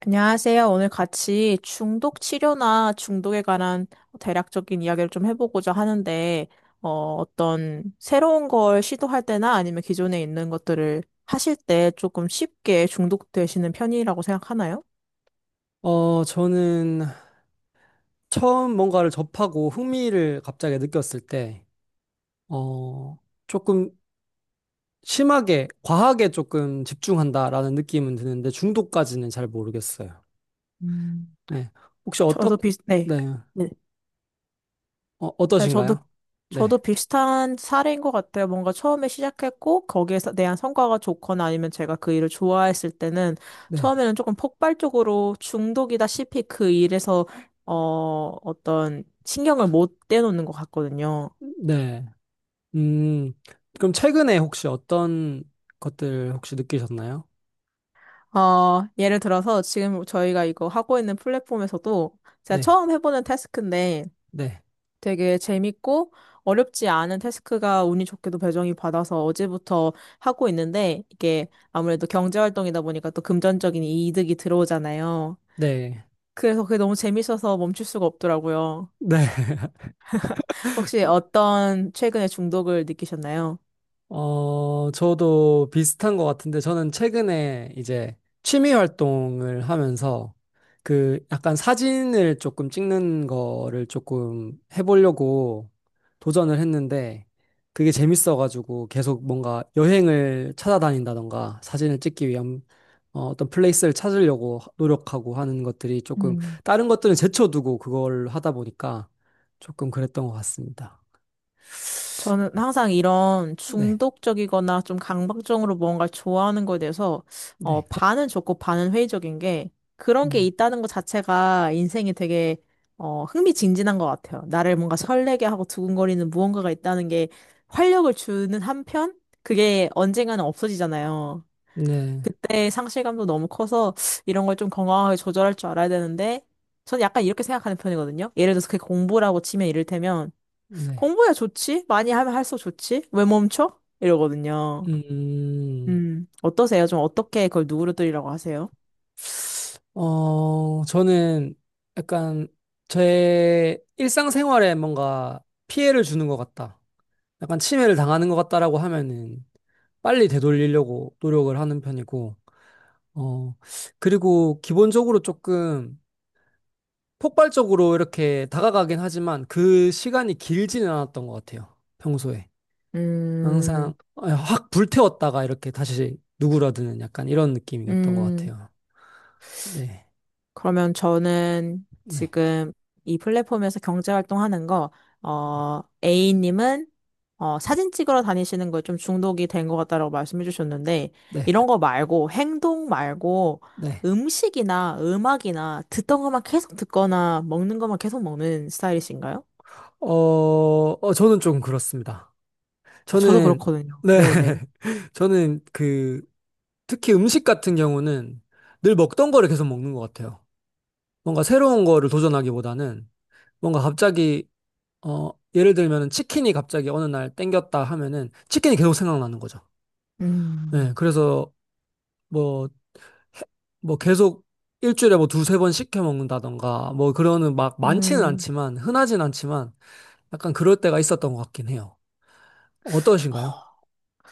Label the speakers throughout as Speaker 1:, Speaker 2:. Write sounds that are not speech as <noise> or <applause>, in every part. Speaker 1: 안녕하세요. 오늘 같이 중독 치료나 중독에 관한 대략적인 이야기를 좀 해보고자 하는데, 어, 어떤 새로운 걸 시도할 때나 아니면 기존에 있는 것들을 하실 때 조금 쉽게 중독되시는 편이라고 생각하나요?
Speaker 2: 저는 처음 뭔가를 접하고 흥미를 갑자기 느꼈을 때, 어, 조금 심하게, 과하게 조금 집중한다라는 느낌은 드는데 중독까지는 잘 모르겠어요.
Speaker 1: 음,
Speaker 2: 네. 혹시 어떠,
Speaker 1: 저도 비슷, 네.
Speaker 2: 네.
Speaker 1: 네. 네,
Speaker 2: 어떠신가요? 네.
Speaker 1: 저도 비슷한 사례인 것 같아요. 뭔가 처음에 시작했고, 거기에 서 대한 성과가 좋거나 아니면 제가 그 일을 좋아했을 때는
Speaker 2: 네.
Speaker 1: 처음에는 조금 폭발적으로 중독이다시피 그 일에서, 어, 어떤 신경을 못 떼놓는 것 같거든요.
Speaker 2: 네. 음, 그럼 최근에 혹시 어떤 것들 혹시 느끼셨나요?
Speaker 1: 예를 들어서 지금 저희가 이거 하고 있는 플랫폼에서도 제가
Speaker 2: 네.
Speaker 1: 처음 해보는 태스크인데,
Speaker 2: 네.
Speaker 1: 되게 재밌고 어렵지 않은 태스크가 운이 좋게도 배정이 받아서 어제부터 하고 있는데 이게 아무래도 경제활동이다 보니까 또 금전적인 이득이 들어오잖아요.
Speaker 2: 네.
Speaker 1: 그래서 그게 너무 재밌어서 멈출 수가 없더라고요.
Speaker 2: 네.
Speaker 1: 혹시
Speaker 2: <laughs>
Speaker 1: 어떤 최근에 중독을 느끼셨나요?
Speaker 2: 저도 비슷한 것 같은데, 저는 최근에 이제 취미 활동을 하면서 그 약간 사진을 조금 찍는 거를 조금 해보려고 도전을 했는데, 그게 재밌어가지고 계속 뭔가 여행을 찾아다닌다던가 사진을 찍기 위한 어떤 플레이스를 찾으려고 노력하고 하는 것들이 조금
Speaker 1: 음.
Speaker 2: 다른 것들은 제쳐두고 그걸 하다 보니까 조금 그랬던 것 같습니다.
Speaker 1: 저는 항상 이런
Speaker 2: 네,
Speaker 1: 중독적이거나 좀 강박적으로 뭔가를 좋아하는 거에 대해서
Speaker 2: 네.
Speaker 1: 반은 좋고 반은 회의적인 게 그런 게
Speaker 2: 음.
Speaker 1: 있다는 것 자체가 인생이 되게 흥미진진한 것 같아요. 나를 뭔가 설레게 하고 두근거리는 무언가가 있다는 게 활력을 주는 한편 그게 언젠가는 없어지잖아요.
Speaker 2: 네.
Speaker 1: 그때 상실감도 너무 커서 이런 걸 좀 건강하게 조절할 줄 알아야 되는데 저는 약간 이렇게 생각하는 편이거든요. 예를 들어서 그게 공부라고 치면 이를테면
Speaker 2: 네.
Speaker 1: 공부야 좋지? 많이 하면 할수록 좋지? 왜 멈춰? 이러거든요.
Speaker 2: 음,
Speaker 1: 어떠세요? 좀 어떻게 그걸 누그러뜨리라고 하세요?
Speaker 2: 저는 약간 제 일상생활에 뭔가 피해를 주는 것 같다. 약간 침해를 당하는 것 같다라고 하면은 빨리 되돌리려고 노력을 하는 편이고, 어, 그리고 기본적으로 조금 폭발적으로 이렇게 다가가긴 하지만 그 시간이 길지는 않았던 것 같아요. 평소에.
Speaker 1: 음,
Speaker 2: 항상 확 불태웠다가 이렇게 다시 누그러드는 약간 이런 느낌이었던 것
Speaker 1: 음,
Speaker 2: 같아요. 네.
Speaker 1: 그러면 저는
Speaker 2: 네.
Speaker 1: 지금 이 플랫폼에서 경제활동 하는 거, A님은 사진 찍으러 다니시는 거에 좀 중독이 된 것 같다라고 말씀해 주셨는데,
Speaker 2: 네,
Speaker 1: 이런 거 말고, 행동 말고,
Speaker 2: 네.
Speaker 1: 음식이나 음악이나 듣던 것만 계속 듣거나 먹는 것만 계속 먹는 스타일이신가요?
Speaker 2: 어, 저는 좀 그렇습니다.
Speaker 1: 아, 저도
Speaker 2: 저는,
Speaker 1: 그렇거든요.
Speaker 2: 네.
Speaker 1: 네네.
Speaker 2: <laughs> 저는 특히 음식 같은 경우는 늘 먹던 거를 계속 먹는 것 같아요. 뭔가 새로운 거를 도전하기보다는 뭔가 갑자기, 어, 예를 들면 치킨이 갑자기 어느 날 땡겼다 하면은 치킨이 계속 생각나는 거죠. 네,
Speaker 1: 음,
Speaker 2: 그래서 뭐, 해- 뭐 계속 일주일에 뭐 2, 3번 시켜 먹는다던가 뭐 그러는 막 많지는
Speaker 1: 음,
Speaker 2: 않지만 흔하진 않지만 약간 그럴 때가 있었던 것 같긴 해요. 어떠신가요?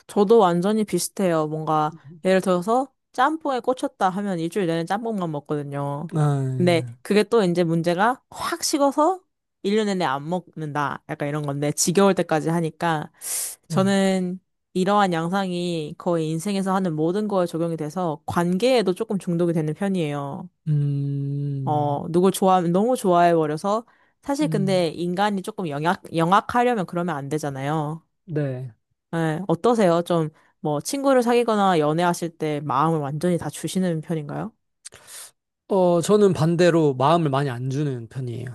Speaker 1: 저도 완전히 비슷해요. 뭔가, 예를 들어서 짬뽕에 꽂혔다 하면 일주일 내내 짬뽕만 먹거든요. 근데
Speaker 2: 아,
Speaker 1: 그게 또 이제 문제가 확 식어서 1년 내내 안 먹는다. 약간 이런 건데, 지겨울 때까지 하니까,
Speaker 2: 네.
Speaker 1: 저는 이러한 양상이 거의 인생에서 하는 모든 거에 적용이 돼서 관계에도 조금 중독이 되는 편이에요.
Speaker 2: 음,
Speaker 1: 누굴 좋아하면 너무 좋아해버려서, 사실
Speaker 2: 음,
Speaker 1: 근데 인간이 조금 영악하려면 그러면 안 되잖아요.
Speaker 2: 네.
Speaker 1: 예, 어떠세요? 좀, 뭐, 친구를 사귀거나 연애하실 때 마음을 완전히 다 주시는 편인가요?
Speaker 2: 저는 반대로 마음을 많이 안 주는 편이에요.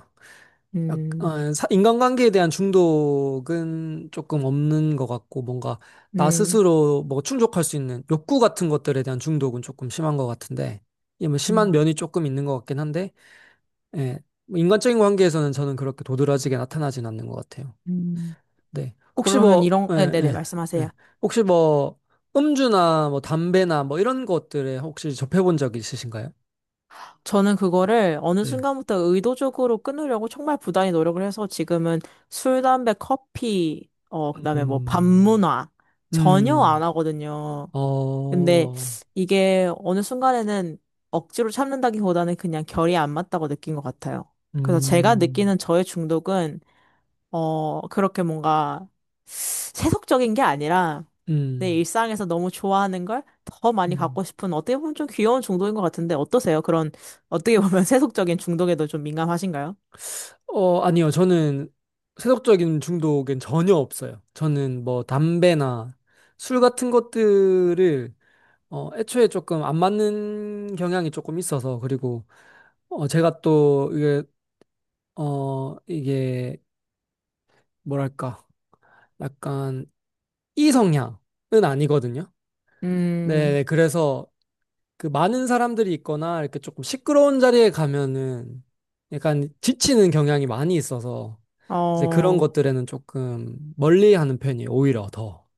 Speaker 1: 음,
Speaker 2: 인간관계에 대한 중독은 조금 없는 것 같고, 뭔가 나
Speaker 1: 음,
Speaker 2: 스스로 뭐 충족할 수 있는 욕구 같은 것들에 대한 중독은 조금 심한 것 같은데, 이게 뭐 심한
Speaker 1: 음,
Speaker 2: 면이 조금 있는 것 같긴 한데, 예. 뭐 인간적인 관계에서는 저는 그렇게 도드라지게 나타나진 않는 것 같아요.
Speaker 1: 음.
Speaker 2: 네. 혹시
Speaker 1: 그러면
Speaker 2: 뭐,
Speaker 1: 이런,
Speaker 2: 예,
Speaker 1: 네, 네네,
Speaker 2: 예,
Speaker 1: 말씀하세요.
Speaker 2: 예. 혹시 뭐, 음주나 뭐, 담배나 뭐, 이런 것들에 혹시 접해본 적 있으신가요?
Speaker 1: 저는 그거를 어느
Speaker 2: 네.
Speaker 1: 순간부터 의도적으로 끊으려고 정말 부단히 노력을 해서 지금은 술, 담배, 커피, 그다음에 뭐,
Speaker 2: 음,
Speaker 1: 밤문화, 전혀
Speaker 2: 음,
Speaker 1: 안 하거든요. 근데
Speaker 2: 어,
Speaker 1: 이게 어느 순간에는 억지로 참는다기보다는 그냥 결이 안 맞다고 느낀 것 같아요. 그래서 제가
Speaker 2: 음,
Speaker 1: 느끼는 저의 중독은, 그렇게 뭔가 세속적인 게 아니라 내
Speaker 2: 음,
Speaker 1: 일상에서 너무 좋아하는 걸 더 많이
Speaker 2: 음.
Speaker 1: 갖고 싶은 어떻게 보면 좀 귀여운 중독인 것 같은데 어떠세요? 그런 어떻게 보면 <laughs> 세속적인 중독에도 좀 민감하신가요?
Speaker 2: 아니요. 저는 세속적인 중독엔 전혀 없어요. 저는 뭐, 담배나 술 같은 것들을 애초에 조금 안 맞는 경향이 조금 있어서, 그리고, 제가 또, 이게 뭐랄까, 약간 이성향은 아니거든요. 네,
Speaker 1: 음,
Speaker 2: 네, 그래서 그 많은 사람들이 있거나 이렇게 조금 시끄러운 자리에 가면은 약간 지치는 경향이 많이 있어서 이제 그런
Speaker 1: 어,
Speaker 2: 것들에는 조금 멀리하는 편이에요. 오히려 더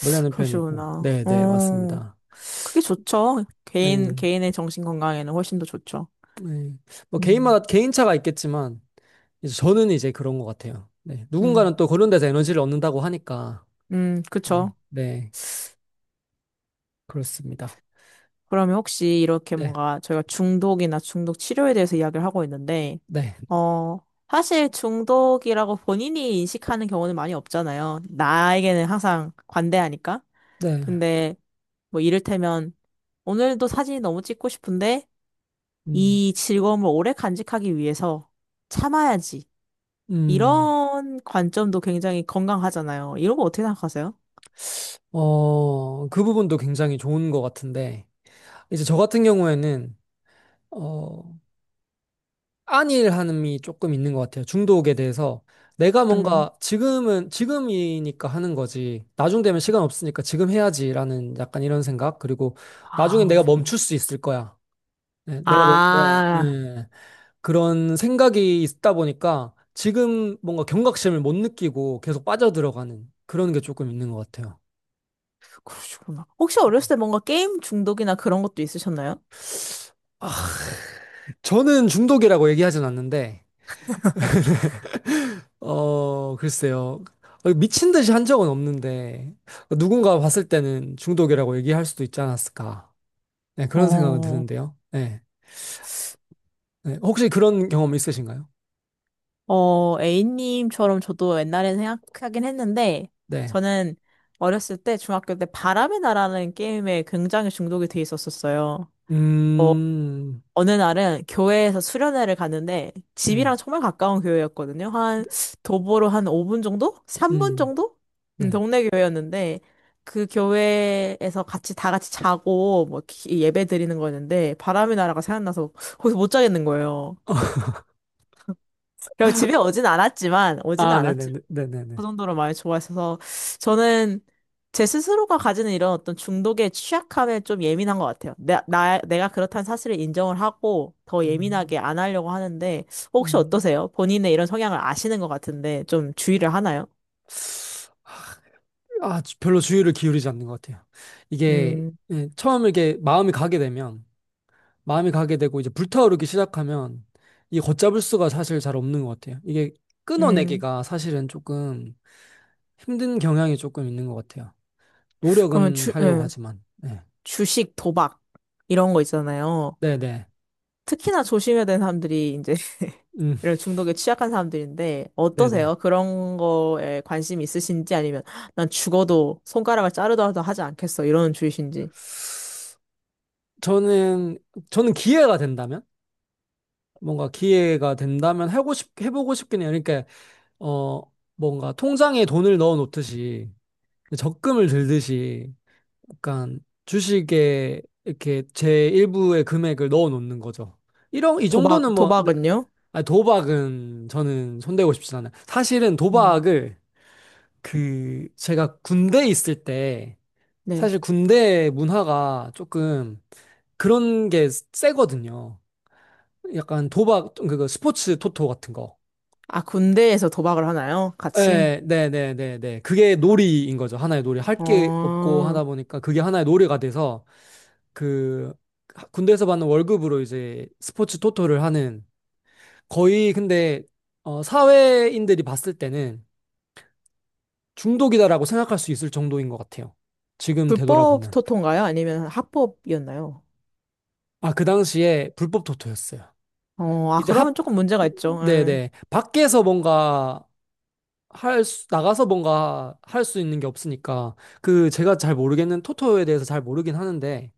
Speaker 2: 멀리하는 편이고,
Speaker 1: 그러시구나.
Speaker 2: 네, 네, 맞습니다.
Speaker 1: 그게 좋죠. 개인,
Speaker 2: 네,
Speaker 1: 개인의 정신 건강에는 훨씬 더 좋죠.
Speaker 2: 네, 뭐
Speaker 1: 음.
Speaker 2: 개인마다 개인차가 있겠지만 이제 저는 이제 그런 것 같아요. 네,
Speaker 1: 음.
Speaker 2: 누군가는 또 그런 데서 에너지를 얻는다고 하니까, 네,
Speaker 1: 그쵸.
Speaker 2: 네, 그렇습니다.
Speaker 1: 그러면 혹시 이렇게
Speaker 2: 네,
Speaker 1: 뭔가 저희가 중독이나 중독 치료에 대해서 이야기를 하고 있는데,
Speaker 2: 네,
Speaker 1: 어, 사실 중독이라고 본인이 인식하는 경우는 많이 없잖아요. 나에게는 항상 관대하니까.
Speaker 2: 네.
Speaker 1: 근데 뭐 이를테면 오늘도 사진이 너무 찍고 싶은데
Speaker 2: 음,
Speaker 1: 이 즐거움을 오래 간직하기 위해서 참아야지.
Speaker 2: 음,
Speaker 1: 이런 관점도 굉장히 건강하잖아요. 이런 거 어떻게 생각하세요?
Speaker 2: 그 부분도 굉장히 좋은 것 같은데, 이제 저 같은 경우에는, 어, 안일함이 조금 있는 것 같아요. 중독에 대해서. 내가
Speaker 1: 음.
Speaker 2: 뭔가 지금은, 지금이니까 하는 거지. 나중 되면 시간 없으니까 지금 해야지라는 약간 이런 생각. 그리고 나중에
Speaker 1: 아,
Speaker 2: 내가 멈출 수 있을 거야. 네, 내가 멈, 뭐,
Speaker 1: 아,
Speaker 2: 네, 그런 생각이 있다 보니까 지금 뭔가 경각심을 못 느끼고 계속 빠져들어가는 그런 게 조금 있는 것 같아요.
Speaker 1: 그러시구나. 혹시 어렸을 때 뭔가 게임 중독이나 그런 것도 있으셨나요?
Speaker 2: 아, 저는 중독이라고 얘기하진 않는데, 어, 글쎄요. 미친 듯이 한 적은 없는데, 누군가 봤을 때는 중독이라고 얘기할 수도 있지 않았을까. 네, 그런 생각은
Speaker 1: 어,
Speaker 2: 드는데요. 네. 네, 혹시 그런 경험 있으신가요?
Speaker 1: A님처럼 저도 옛날에 생각하긴 했는데,
Speaker 2: 네.
Speaker 1: 저는 어렸을 때, 중학교 때 바람의 나라는 게임에 굉장히 중독이 돼 있었었어요.
Speaker 2: 음,
Speaker 1: 어느 날은 교회에서 수련회를 가는데
Speaker 2: 네.
Speaker 1: 집이랑 정말 가까운 교회였거든요. 한 도보로 한 5분 정도? 3분
Speaker 2: 음,
Speaker 1: 정도?
Speaker 2: 네.
Speaker 1: 동네 교회였는데 그 교회에서 같이 다 같이 자고 뭐 기- 예배 드리는 거였는데 바람이 날아가 생각나서 거기서 못 자겠는 거예요.
Speaker 2: <laughs>
Speaker 1: 그래서 집에 오진 않았지만 오지는
Speaker 2: 아,
Speaker 1: 않았지만
Speaker 2: 네네네.
Speaker 1: 그
Speaker 2: 네네네.
Speaker 1: 정도로 많이 좋아했어서 저는 제 스스로가 가지는 이런 어떤 중독의 취약함에 좀 예민한 것 같아요. 내가 그렇다는 사실을 인정을 하고 더
Speaker 2: 음,
Speaker 1: 예민하게 안 하려고 하는데 혹시
Speaker 2: 음.
Speaker 1: 어떠세요? 본인의 이런 성향을 아시는 것 같은데 좀 주의를 하나요?
Speaker 2: 별로 주의를 기울이지 않는 것 같아요. 이게,
Speaker 1: 음,
Speaker 2: 예, 처음 이렇게 마음이 가게 되면, 마음이 가게 되고 이제 불타오르기 시작하면 이 걷잡을 수가 사실 잘 없는 것 같아요. 이게
Speaker 1: 음,
Speaker 2: 끊어내기가 사실은 조금 힘든 경향이 조금 있는 것 같아요.
Speaker 1: 그러면
Speaker 2: 노력은 하려고 하지만. 네.
Speaker 1: 주식, 도박 이런 거 있잖아요.
Speaker 2: 네네.
Speaker 1: 특히나 조심해야 되는 사람들이 이제
Speaker 2: 음,
Speaker 1: 이런 중독에 취약한 사람들인데
Speaker 2: 네네.
Speaker 1: 어떠세요? 그런 거에 관심 있으신지 아니면 난 죽어도 손가락을 자르더라도 하지 않겠어 이런 주의신지.
Speaker 2: 저는, 저는 기회가 된다면? 뭔가 기회가 된다면 해보고 싶긴 해요. 그러니까, 어, 뭔가 통장에 돈을 넣어 놓듯이 적금을 들듯이 약간 주식에 이렇게 제 일부의 금액을 넣어 놓는 거죠. 이런 이 정도는 뭐
Speaker 1: 도박은요?
Speaker 2: 아니, 도박은 저는 손대고 싶지 않아요. 사실은
Speaker 1: 음.
Speaker 2: 도박을 그 제가 군대에 있을 때
Speaker 1: 네.
Speaker 2: 사실 군대 문화가 조금 그런 게 세거든요. 약간 도박 그거 스포츠 토토 같은 거.
Speaker 1: 아, 군대에서 도박을 하나요? 같이?
Speaker 2: 네, 네, 네, 네, 네. 그게 놀이인 거죠. 하나의 놀이. 할 게 없고
Speaker 1: 어,
Speaker 2: 하다 보니까 그게 하나의 놀이가 돼서 그 군대에서 받는 월급으로 이제 스포츠 토토를 하는 거의 근데 사회인들이 봤을 때는 중독이다라고 생각할 수 있을 정도인 것 같아요. 지금
Speaker 1: 불법
Speaker 2: 되돌아보면.
Speaker 1: 토토인가요? 아니면 합법이었나요?
Speaker 2: 아, 그 당시에 불법 토토였어요.
Speaker 1: 아,
Speaker 2: 이제
Speaker 1: 그러면 조금 문제가 있죠. 예.
Speaker 2: 네네. 밖에서 뭔가 나가서 뭔가 할 수 있는 게 없으니까 그 제가 잘 모르겠는 토토에 대해서 잘 모르긴 하는데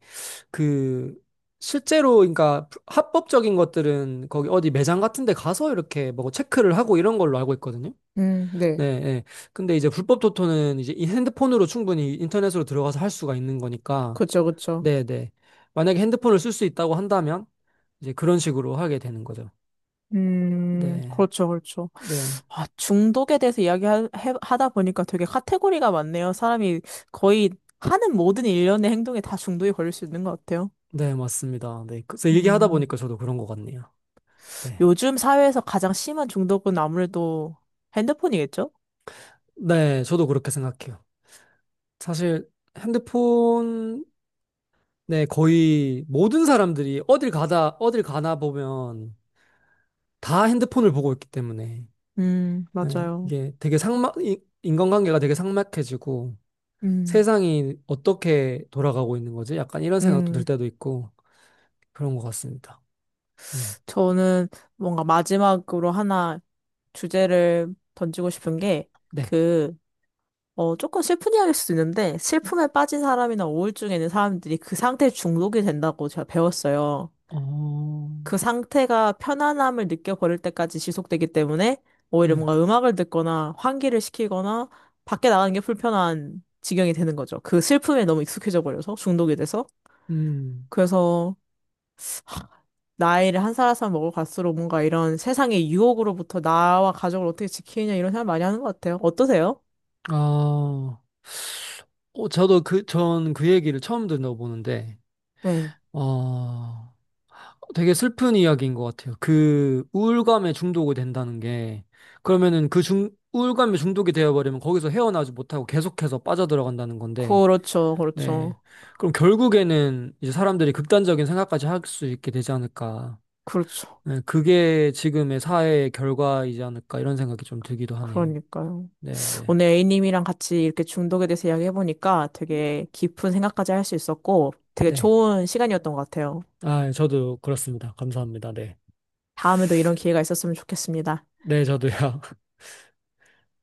Speaker 2: 그 실제로 그러니까 합법적인 것들은 거기 어디 매장 같은 데 가서 이렇게 뭐 체크를 하고 이런 걸로 알고 있거든요.
Speaker 1: 네.
Speaker 2: 네, 네. 근데 이제 불법 토토는 이제 이 핸드폰으로 충분히 인터넷으로 들어가서 할 수가 있는 거니까
Speaker 1: 그쵸, 그쵸.
Speaker 2: 네, 네. 만약에 핸드폰을 쓸 수 있다고 한다면 이제 그런 식으로 하게 되는 거죠. 네.
Speaker 1: 그렇죠, 그렇죠.
Speaker 2: 네.
Speaker 1: 아, 중독에 대해서 이야기하다 보니까 되게 카테고리가 많네요. 사람이 거의 하는 모든 일련의 행동에 다 중독이 걸릴 수 있는 것 같아요.
Speaker 2: 네, 맞습니다. 네. 그래서 얘기하다
Speaker 1: 음,
Speaker 2: 보니까 저도 그런 것 같네요. 네.
Speaker 1: 요즘 사회에서 가장 심한 중독은 아무래도 핸드폰이겠죠?
Speaker 2: 네, 저도 그렇게 생각해요. 사실 핸드폰에 거의 모든 사람들이 어딜 가다, 어딜 가나 보면 다 핸드폰을 보고 있기 때문에 네,
Speaker 1: 맞아요.
Speaker 2: 이게 되게 인간관계가 되게 삭막해지고
Speaker 1: 음,
Speaker 2: 세상이 어떻게 돌아가고 있는 거지? 약간 이런 생각도 들
Speaker 1: 음.
Speaker 2: 때도 있고 그런 것 같습니다. 음,
Speaker 1: 저는 뭔가 마지막으로 하나 주제를 던지고 싶은 게
Speaker 2: 네.
Speaker 1: 그 조금 슬픈 이야기일 수도 있는데, 슬픔에 빠진 사람이나 우울증에 있는 사람들이 그 상태에 중독이 된다고 제가 배웠어요.
Speaker 2: 어,
Speaker 1: 그 상태가 편안함을 느껴버릴 때까지 지속되기 때문에, 오히려
Speaker 2: 네.
Speaker 1: 뭔가 음악을 듣거나 환기를 시키거나, 밖에 나가는 게 불편한 지경이 되는 거죠. 그 슬픔에 너무 익숙해져 버려서, 중독이 돼서.
Speaker 2: 음,
Speaker 1: 그래서, 나이를 한 살 한 살 먹을 갈수록 뭔가 이런 세상의 유혹으로부터 나와 가족을 어떻게 지키느냐 이런 생각 많이 하는 것 같아요. 어떠세요?
Speaker 2: 아, 저도 전 그 얘기를 처음 들어보는데,
Speaker 1: 네.
Speaker 2: 어, 되게 슬픈 이야기인 것 같아요. 그 우울감에 중독이 된다는 게 그러면은 우울감에 중독이 되어버리면 거기서 헤어나지 못하고 계속해서 빠져들어간다는 건데,
Speaker 1: 그렇죠, 그렇죠.
Speaker 2: 네. 그럼 결국에는 이제 사람들이 극단적인 생각까지 할 수 있게 되지 않을까.
Speaker 1: 그렇죠.
Speaker 2: 네, 그게 지금의 사회의 결과이지 않을까 이런 생각이 좀 들기도 하네요.
Speaker 1: 그러니까요.
Speaker 2: 네, 네,
Speaker 1: 오늘 A님이랑 같이 이렇게 중독에 대해서 이야기해보니까 되게 깊은 생각까지 할 수 있었고 되게
Speaker 2: 네.
Speaker 1: 좋은 시간이었던 것 같아요.
Speaker 2: 아, 저도 그렇습니다. 감사합니다. 네.
Speaker 1: 다음에도 이런 기회가 있었으면 좋겠습니다.
Speaker 2: 네, 저도요. <laughs>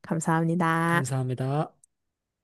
Speaker 1: 감사합니다.
Speaker 2: 감사합니다.